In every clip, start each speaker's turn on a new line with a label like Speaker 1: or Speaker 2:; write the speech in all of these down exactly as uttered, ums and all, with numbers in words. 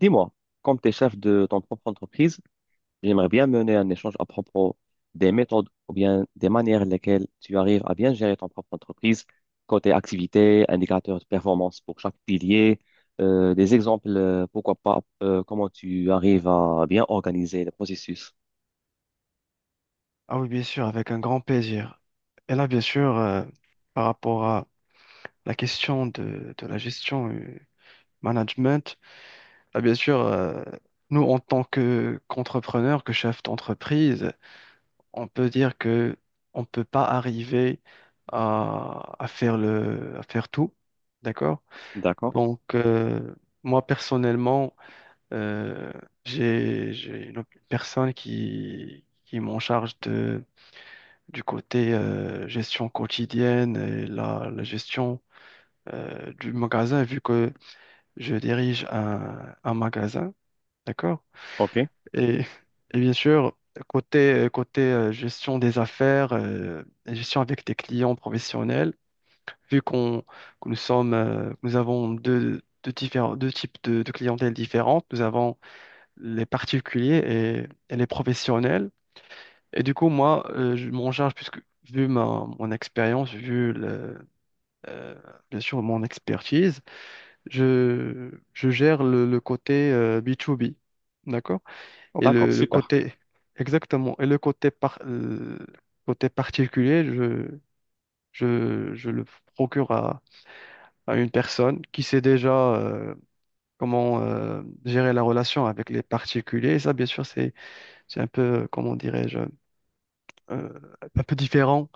Speaker 1: Dis-moi, comme tu es chef de ton propre entreprise, j'aimerais bien mener un échange à propos des méthodes ou bien des manières lesquelles tu arrives à bien gérer ton propre entreprise, côté activité, indicateurs de performance pour chaque pilier, euh, des exemples, euh, pourquoi pas, euh, comment tu arrives à bien organiser le processus.
Speaker 2: Ah oui, bien sûr, avec un grand plaisir. Et là, bien sûr, euh, par rapport à la question de, de la gestion, euh, management, là, bien sûr, euh, nous, en tant que qu'entrepreneur, que chef d'entreprise, on peut dire que on peut pas arriver à, à faire le, à faire tout, d'accord?
Speaker 1: D'accord?
Speaker 2: Donc, euh, moi, personnellement, euh, j'ai, j'ai une personne qui, qui m'en charge du côté, euh, gestion quotidienne et la, la gestion euh, du magasin, vu que je dirige un, un magasin, d'accord?
Speaker 1: OK.
Speaker 2: Et, et bien sûr, côté, côté, euh, gestion des affaires, euh, et gestion avec des clients professionnels, vu qu'on, que nous sommes, euh, nous avons deux, deux, différents, deux types de, de clientèle différentes, nous avons les particuliers et, et les professionnels. Et du coup, moi, euh, je m'en charge, puisque vu ma, mon expérience, vu le, euh, bien sûr mon expertise, je, je gère le, le côté, euh, B to B, d'accord? Et
Speaker 1: D'accord,
Speaker 2: le, le
Speaker 1: super.
Speaker 2: côté, exactement, et le côté, par, le côté particulier, je, je, je le procure à, à une personne qui sait déjà, euh, comment, euh, gérer la relation avec les particuliers. Et ça, bien sûr, c'est, c'est un peu, euh, comment dirais-je, euh, un peu différent,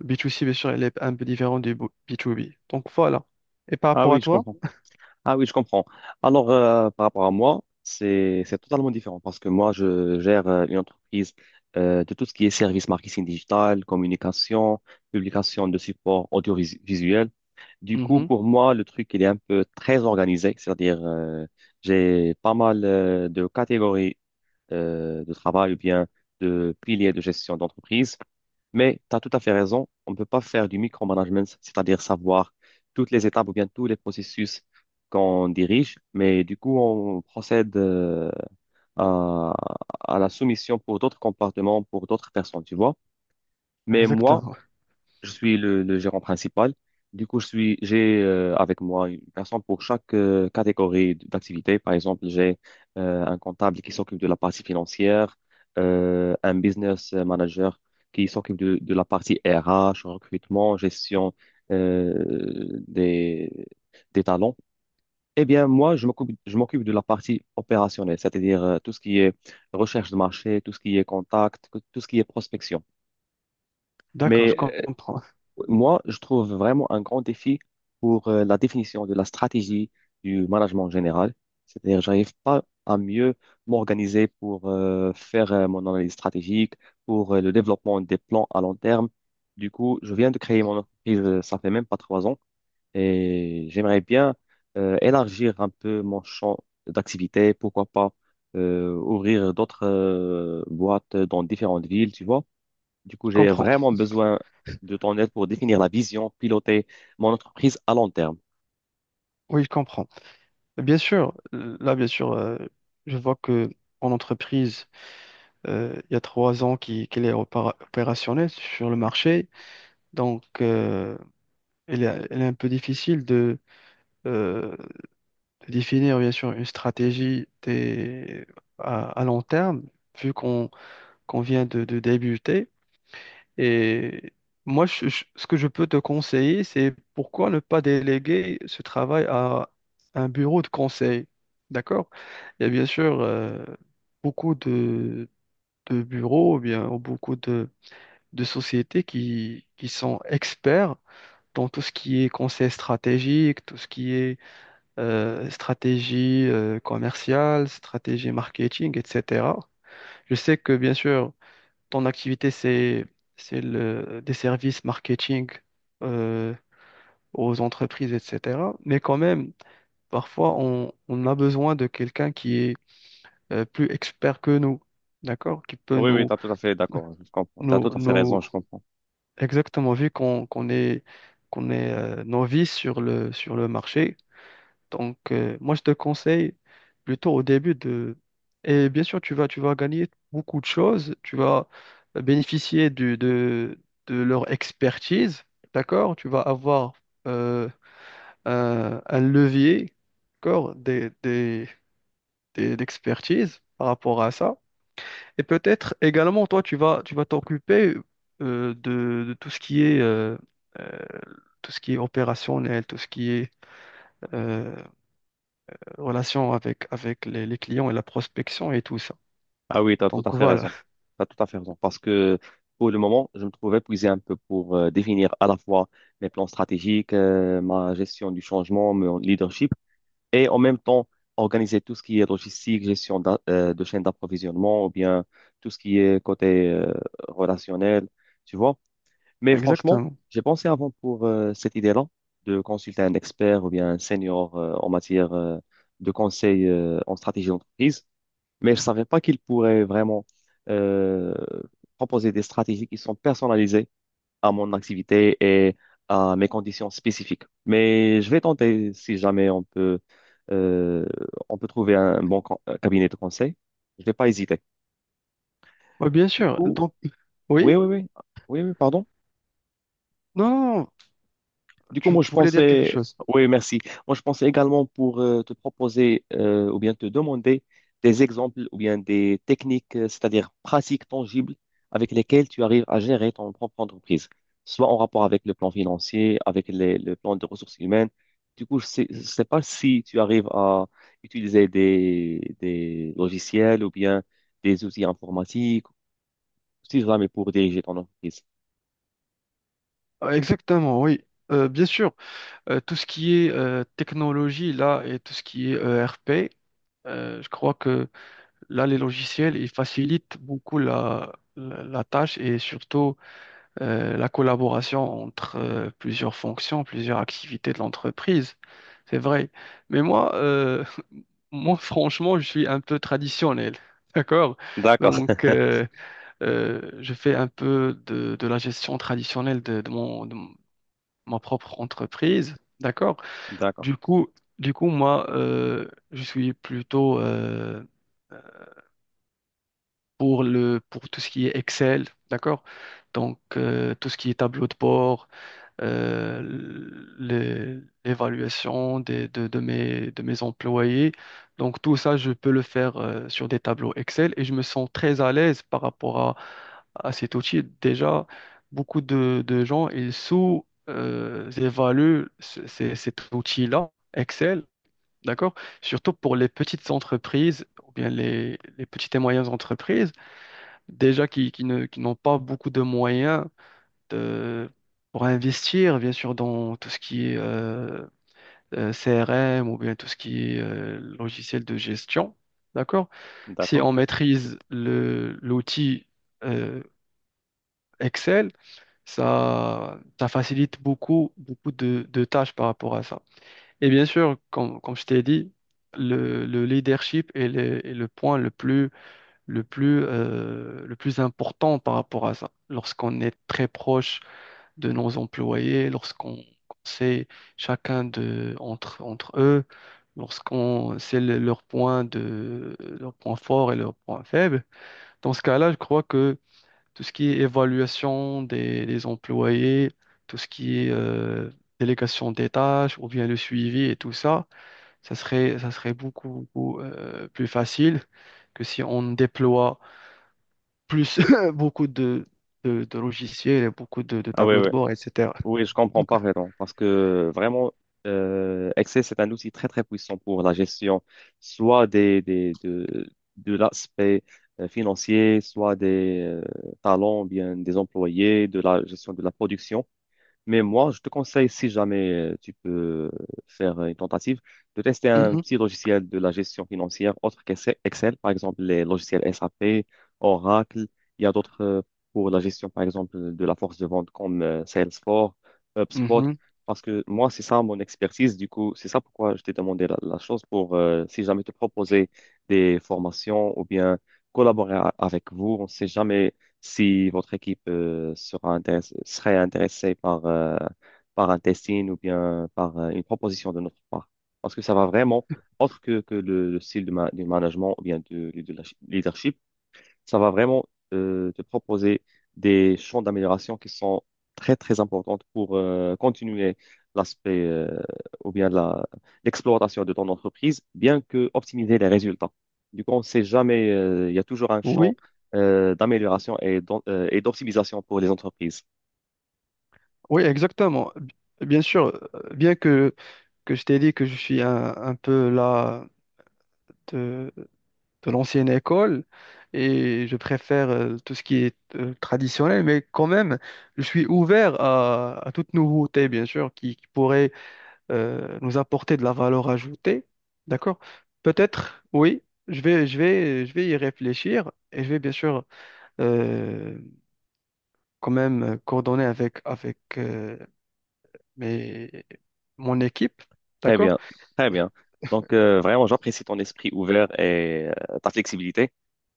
Speaker 2: B to C, bien sûr, elle est un peu différente du bo- B to B. Donc voilà. Et par
Speaker 1: Ah
Speaker 2: rapport
Speaker 1: oui,
Speaker 2: à
Speaker 1: je
Speaker 2: toi,
Speaker 1: comprends. Ah oui, je comprends. Alors, euh, par rapport à moi, c'est c'est totalement différent parce que moi, je gère euh, une entreprise euh, de tout ce qui est service marketing digital, communication, publication de supports audiovisuels. Du coup,
Speaker 2: mhm.
Speaker 1: pour moi, le truc, il est un peu très organisé, c'est-à-dire euh, j'ai pas mal euh, de catégories euh, de travail ou bien de piliers de gestion d'entreprise. Mais tu as tout à fait raison, on ne peut pas faire du micromanagement, c'est-à-dire savoir toutes les étapes ou bien tous les processus qu'on dirige, mais du coup, on procède euh, à, à la soumission pour d'autres comportements, pour d'autres personnes, tu vois. Mais moi,
Speaker 2: Exactement.
Speaker 1: je suis le, le gérant principal. Du coup, je suis, j'ai euh, avec moi une personne pour chaque euh, catégorie d'activité. Par exemple, j'ai euh, un comptable qui s'occupe de la partie financière, euh, un business manager qui s'occupe de, de la partie R H, recrutement, gestion euh, des, des talents. Eh bien, moi, je m'occupe, je m'occupe de la partie opérationnelle, c'est-à-dire euh, tout ce qui est recherche de marché, tout ce qui est contact, tout ce qui est prospection.
Speaker 2: D'accord, je
Speaker 1: Mais
Speaker 2: comprends.
Speaker 1: moi, je trouve vraiment un grand défi pour euh, la définition de la stratégie du management en général. C'est-à-dire, j'arrive pas à mieux m'organiser pour euh, faire euh, mon analyse stratégique, pour euh, le développement des plans à long terme. Du coup, je viens de créer mon entreprise, euh, ça fait même pas trois ans, et j'aimerais bien euh, élargir un peu mon champ d'activité. Pourquoi pas euh, ouvrir d'autres euh, boîtes dans différentes villes, tu vois. Du coup,
Speaker 2: Je
Speaker 1: j'ai
Speaker 2: comprends.
Speaker 1: vraiment besoin de ton aide pour définir la vision, piloter mon entreprise à long terme.
Speaker 2: Oui, je comprends. Bien sûr, euh, là, bien sûr, euh, je vois que en entreprise, euh, il y a trois ans qui- qu'elle est opéra- opérationnelle sur le marché. Donc, euh, elle est, elle est un peu difficile de, euh, de définir, bien sûr, une stratégie des- à, à long terme, vu qu'on qu'on vient de, de débuter. Et moi, je- je- ce que je peux te conseiller, c'est pourquoi ne pas déléguer ce travail à un bureau de conseil. D'accord? Il y a bien sûr, euh, beaucoup de, de bureaux, ou bien beaucoup de, de sociétés qui, qui sont experts dans tout ce qui est conseil stratégique, tout ce qui est, euh, stratégie, euh, commerciale, stratégie marketing, et cetera. Je sais que, bien sûr, ton activité, c'est, c'est le, des services marketing, euh, aux entreprises, et cetera. Mais quand même, parfois, on, on a besoin de quelqu'un qui est, euh, plus expert que nous, d'accord? Qui peut
Speaker 1: Oui, oui, tu
Speaker 2: nous,
Speaker 1: as tout à fait d'accord. Je comprends. Tu as
Speaker 2: nous,
Speaker 1: tout à fait raison,
Speaker 2: nous
Speaker 1: je comprends.
Speaker 2: exactement, vu qu'on qu'on est, qu'on est, euh, novice sur le, sur le marché. Donc, euh, moi, je te conseille plutôt au début de... Et bien sûr, tu vas, tu vas gagner beaucoup de choses. Tu vas bénéficier du- de, de leur expertise, d'accord? Tu vas avoir, euh, un, un levier, d'accord, des, des, des- d'expertise par rapport à ça. Et peut-être également, toi, tu vas, tu vas t'occuper, euh, de, de tout ce qui est... euh, euh, tout ce qui est opérationnel, tout ce qui est, euh, relation avec, avec les, les clients et la prospection et tout ça.
Speaker 1: Ah oui, tu as tout à
Speaker 2: Donc
Speaker 1: fait
Speaker 2: voilà,
Speaker 1: raison. Tu as tout à fait raison. Parce que pour le moment, je me trouve épuisé un peu pour euh, définir à la fois mes plans stratégiques, euh, ma gestion du changement, mon leadership, et en même temps organiser tout ce qui est logistique, gestion d'a- euh, de chaîne d'approvisionnement, ou bien tout ce qui est côté euh, relationnel, tu vois. Mais franchement,
Speaker 2: exactement.
Speaker 1: j'ai pensé avant pour euh, cette idée-là de consulter un expert ou bien un senior euh, en matière euh, de conseil euh, en stratégie d'entreprise mais je savais pas qu'ils pourraient vraiment euh, proposer des stratégies qui sont personnalisées à mon activité et à mes conditions spécifiques. Mais je vais tenter si jamais on peut, euh, on peut trouver un bon con- euh, cabinet de conseil. Je vais pas hésiter.
Speaker 2: Oui, bien
Speaker 1: Du
Speaker 2: sûr.
Speaker 1: coup,
Speaker 2: Donc,
Speaker 1: oui,
Speaker 2: oui?
Speaker 1: oui, oui, oui, oui, pardon.
Speaker 2: Non, non, non,
Speaker 1: Du coup,
Speaker 2: tu,
Speaker 1: moi, je
Speaker 2: tu voulais dire quelque
Speaker 1: pensais,
Speaker 2: chose.
Speaker 1: oui, merci. Moi, je pensais également pour euh, te proposer euh, ou bien te demander des exemples ou bien des techniques, euh, c'est-à-dire pratiques tangibles avec lesquelles tu arrives à gérer ton propre entreprise, soit en rapport avec le plan financier, avec les- le plan de ressources humaines. Du coup, je sais, je sais pas si tu arrives à utiliser des, des logiciels ou bien des outils informatiques, si jamais pour diriger ton entreprise.
Speaker 2: Ah, exactement, oui. Euh, bien sûr, euh, tout ce qui est, euh, technologie là et tout ce qui est E R P, euh, je crois que là, les logiciels, ils facilitent beaucoup la, la, la tâche et surtout, euh, la collaboration entre, euh, plusieurs fonctions, plusieurs activités de l'entreprise. C'est vrai. Mais moi, euh, moi, franchement, je suis un peu traditionnel. D'accord?
Speaker 1: D'accord,
Speaker 2: Donc, euh, euh, je fais un peu de, de la gestion traditionnelle de, de mon, de mon- ma propre entreprise. D'accord?
Speaker 1: d'accord,
Speaker 2: Du coup, du coup, moi, euh, je suis plutôt, euh, pour le, pour tout ce qui est Excel. D'accord? Donc, euh, tout ce qui est tableau de bord, euh, l'é- l'évaluation des- de, de mes, de mes employés. Donc tout ça, je peux le faire, euh, sur des tableaux Excel et je me sens très à l'aise par rapport à, à cet outil. Déjà, beaucoup de, de gens, ils sous-évaluent cet outil-là, Excel, d'accord? Surtout pour les petites entreprises, ou bien les, les petites et moyennes entreprises, déjà qui, qui ne, qui n'ont pas beaucoup de moyens, euh, pour investir, bien sûr, dans tout ce qui est, euh, euh, C R M ou bien tout ce qui est, euh, logiciel de gestion. D'accord? Si
Speaker 1: d'accord.
Speaker 2: on maîtrise le, l'outil, euh, Excel, ça, ça facilite beaucoup, beaucoup de, de tâches par rapport à ça. Et bien sûr, comme, comme je t'ai dit, le, le leadership est le, est le point le plus, le plus, euh, le plus important par rapport à ça. Lorsqu'on est très proche de nos employés, lorsqu'on qu'on sait chacun de, entre, entre eux, lorsqu'on sait le- leurs points de, leurs points forts et leurs points faibles. Dans ce cas-là, je crois que tout ce qui est évaluation des, des employés, tout ce qui est, euh, délégation des tâches ou bien le suivi et tout ça, ça serait, ça serait beaucoup, beaucoup, euh, plus facile que si on déploie plus beaucoup de, de, de logiciels, et beaucoup de, de
Speaker 1: Ah oui,
Speaker 2: tableaux
Speaker 1: oui.
Speaker 2: de bord, et cetera.
Speaker 1: Oui, je comprends parfaitement. Parce que vraiment, euh, Excel, c'est un outil très, très puissant pour la gestion, soit des, des, de, de l'aspect euh, financier, soit des euh, talents, bien des employés, de la gestion de la production. Mais moi, je te conseille, si jamais euh, tu peux faire une tentative, de tester un
Speaker 2: Mhm,
Speaker 1: petit logiciel de la gestion financière autre qu'Excel, Excel, par exemple les logiciels S A P, Oracle. Il y a d'autres euh, pour la gestion, par exemple, de la force de vente comme euh, Salesforce, HubSpot.
Speaker 2: mhm.
Speaker 1: Parce que moi, c'est ça mon expertise. Du coup, c'est ça pourquoi je t'ai demandé la, la chose pour, euh, si jamais te proposer des formations ou bien collaborer a- avec vous. On ne sait jamais si votre équipe euh, sera intéress- serait intéressée par, euh, par un testing ou bien par euh, une proposition de notre part. Parce que ça va vraiment, autre que, que le, le style de ma- du management ou bien du du leadership, ça va vraiment euh, te proposer des champs d'amélioration qui sont très, très importants pour euh, continuer l'aspect euh, ou bien la, l'exploitation de ton entreprise, bien que optimiser les résultats. Du coup, on ne sait jamais, euh, il y a toujours un champ
Speaker 2: Oui,
Speaker 1: euh, d'amélioration et d'en- euh, et d'optimisation pour les entreprises.
Speaker 2: oui, exactement. B- Bien sûr, euh, bien que, que je t'ai dit que je suis un, un peu là de l'ancienne école et je préfère, euh, tout ce qui est, euh, traditionnel, mais quand même, je suis ouvert à, à toute nouveauté, bien sûr, qui, qui pourrait, euh, nous apporter de la valeur ajoutée. D'accord? Peut-être, oui, je vais, je vais, je vais y réfléchir et je vais bien sûr, euh, quand même coordonner avec, avec, euh, mes, mon équipe.
Speaker 1: Très
Speaker 2: D'accord?
Speaker 1: bien, très bien. Donc, euh, vraiment, j'apprécie ton esprit ouvert et euh, ta flexibilité.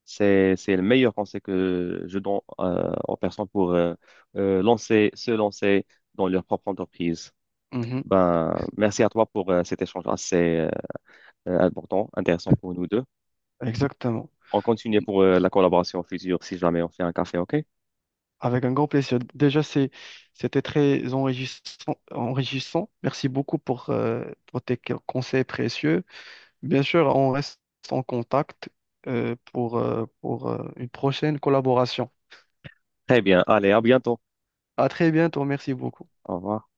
Speaker 1: C'est, c'est le meilleur conseil que je donne euh, aux personnes pour euh, euh, lancer, se lancer dans leur propre entreprise.
Speaker 2: Mhm,
Speaker 1: Ben, merci à toi pour euh, cet échange assez euh, euh, important, intéressant pour nous deux.
Speaker 2: exactement.
Speaker 1: On continue pour euh, la collaboration future si jamais on fait un café, OK?
Speaker 2: Avec un grand plaisir. Déjà, c'est, c'était très enrichissant, enrichissant. Merci beaucoup pour, euh, pour tes co- conseils précieux. Bien sûr, on reste en contact, euh, pour, euh, pour, euh, une prochaine collaboration.
Speaker 1: Très bien. Allez, à bientôt.
Speaker 2: À très bientôt. Merci beaucoup.
Speaker 1: Au revoir.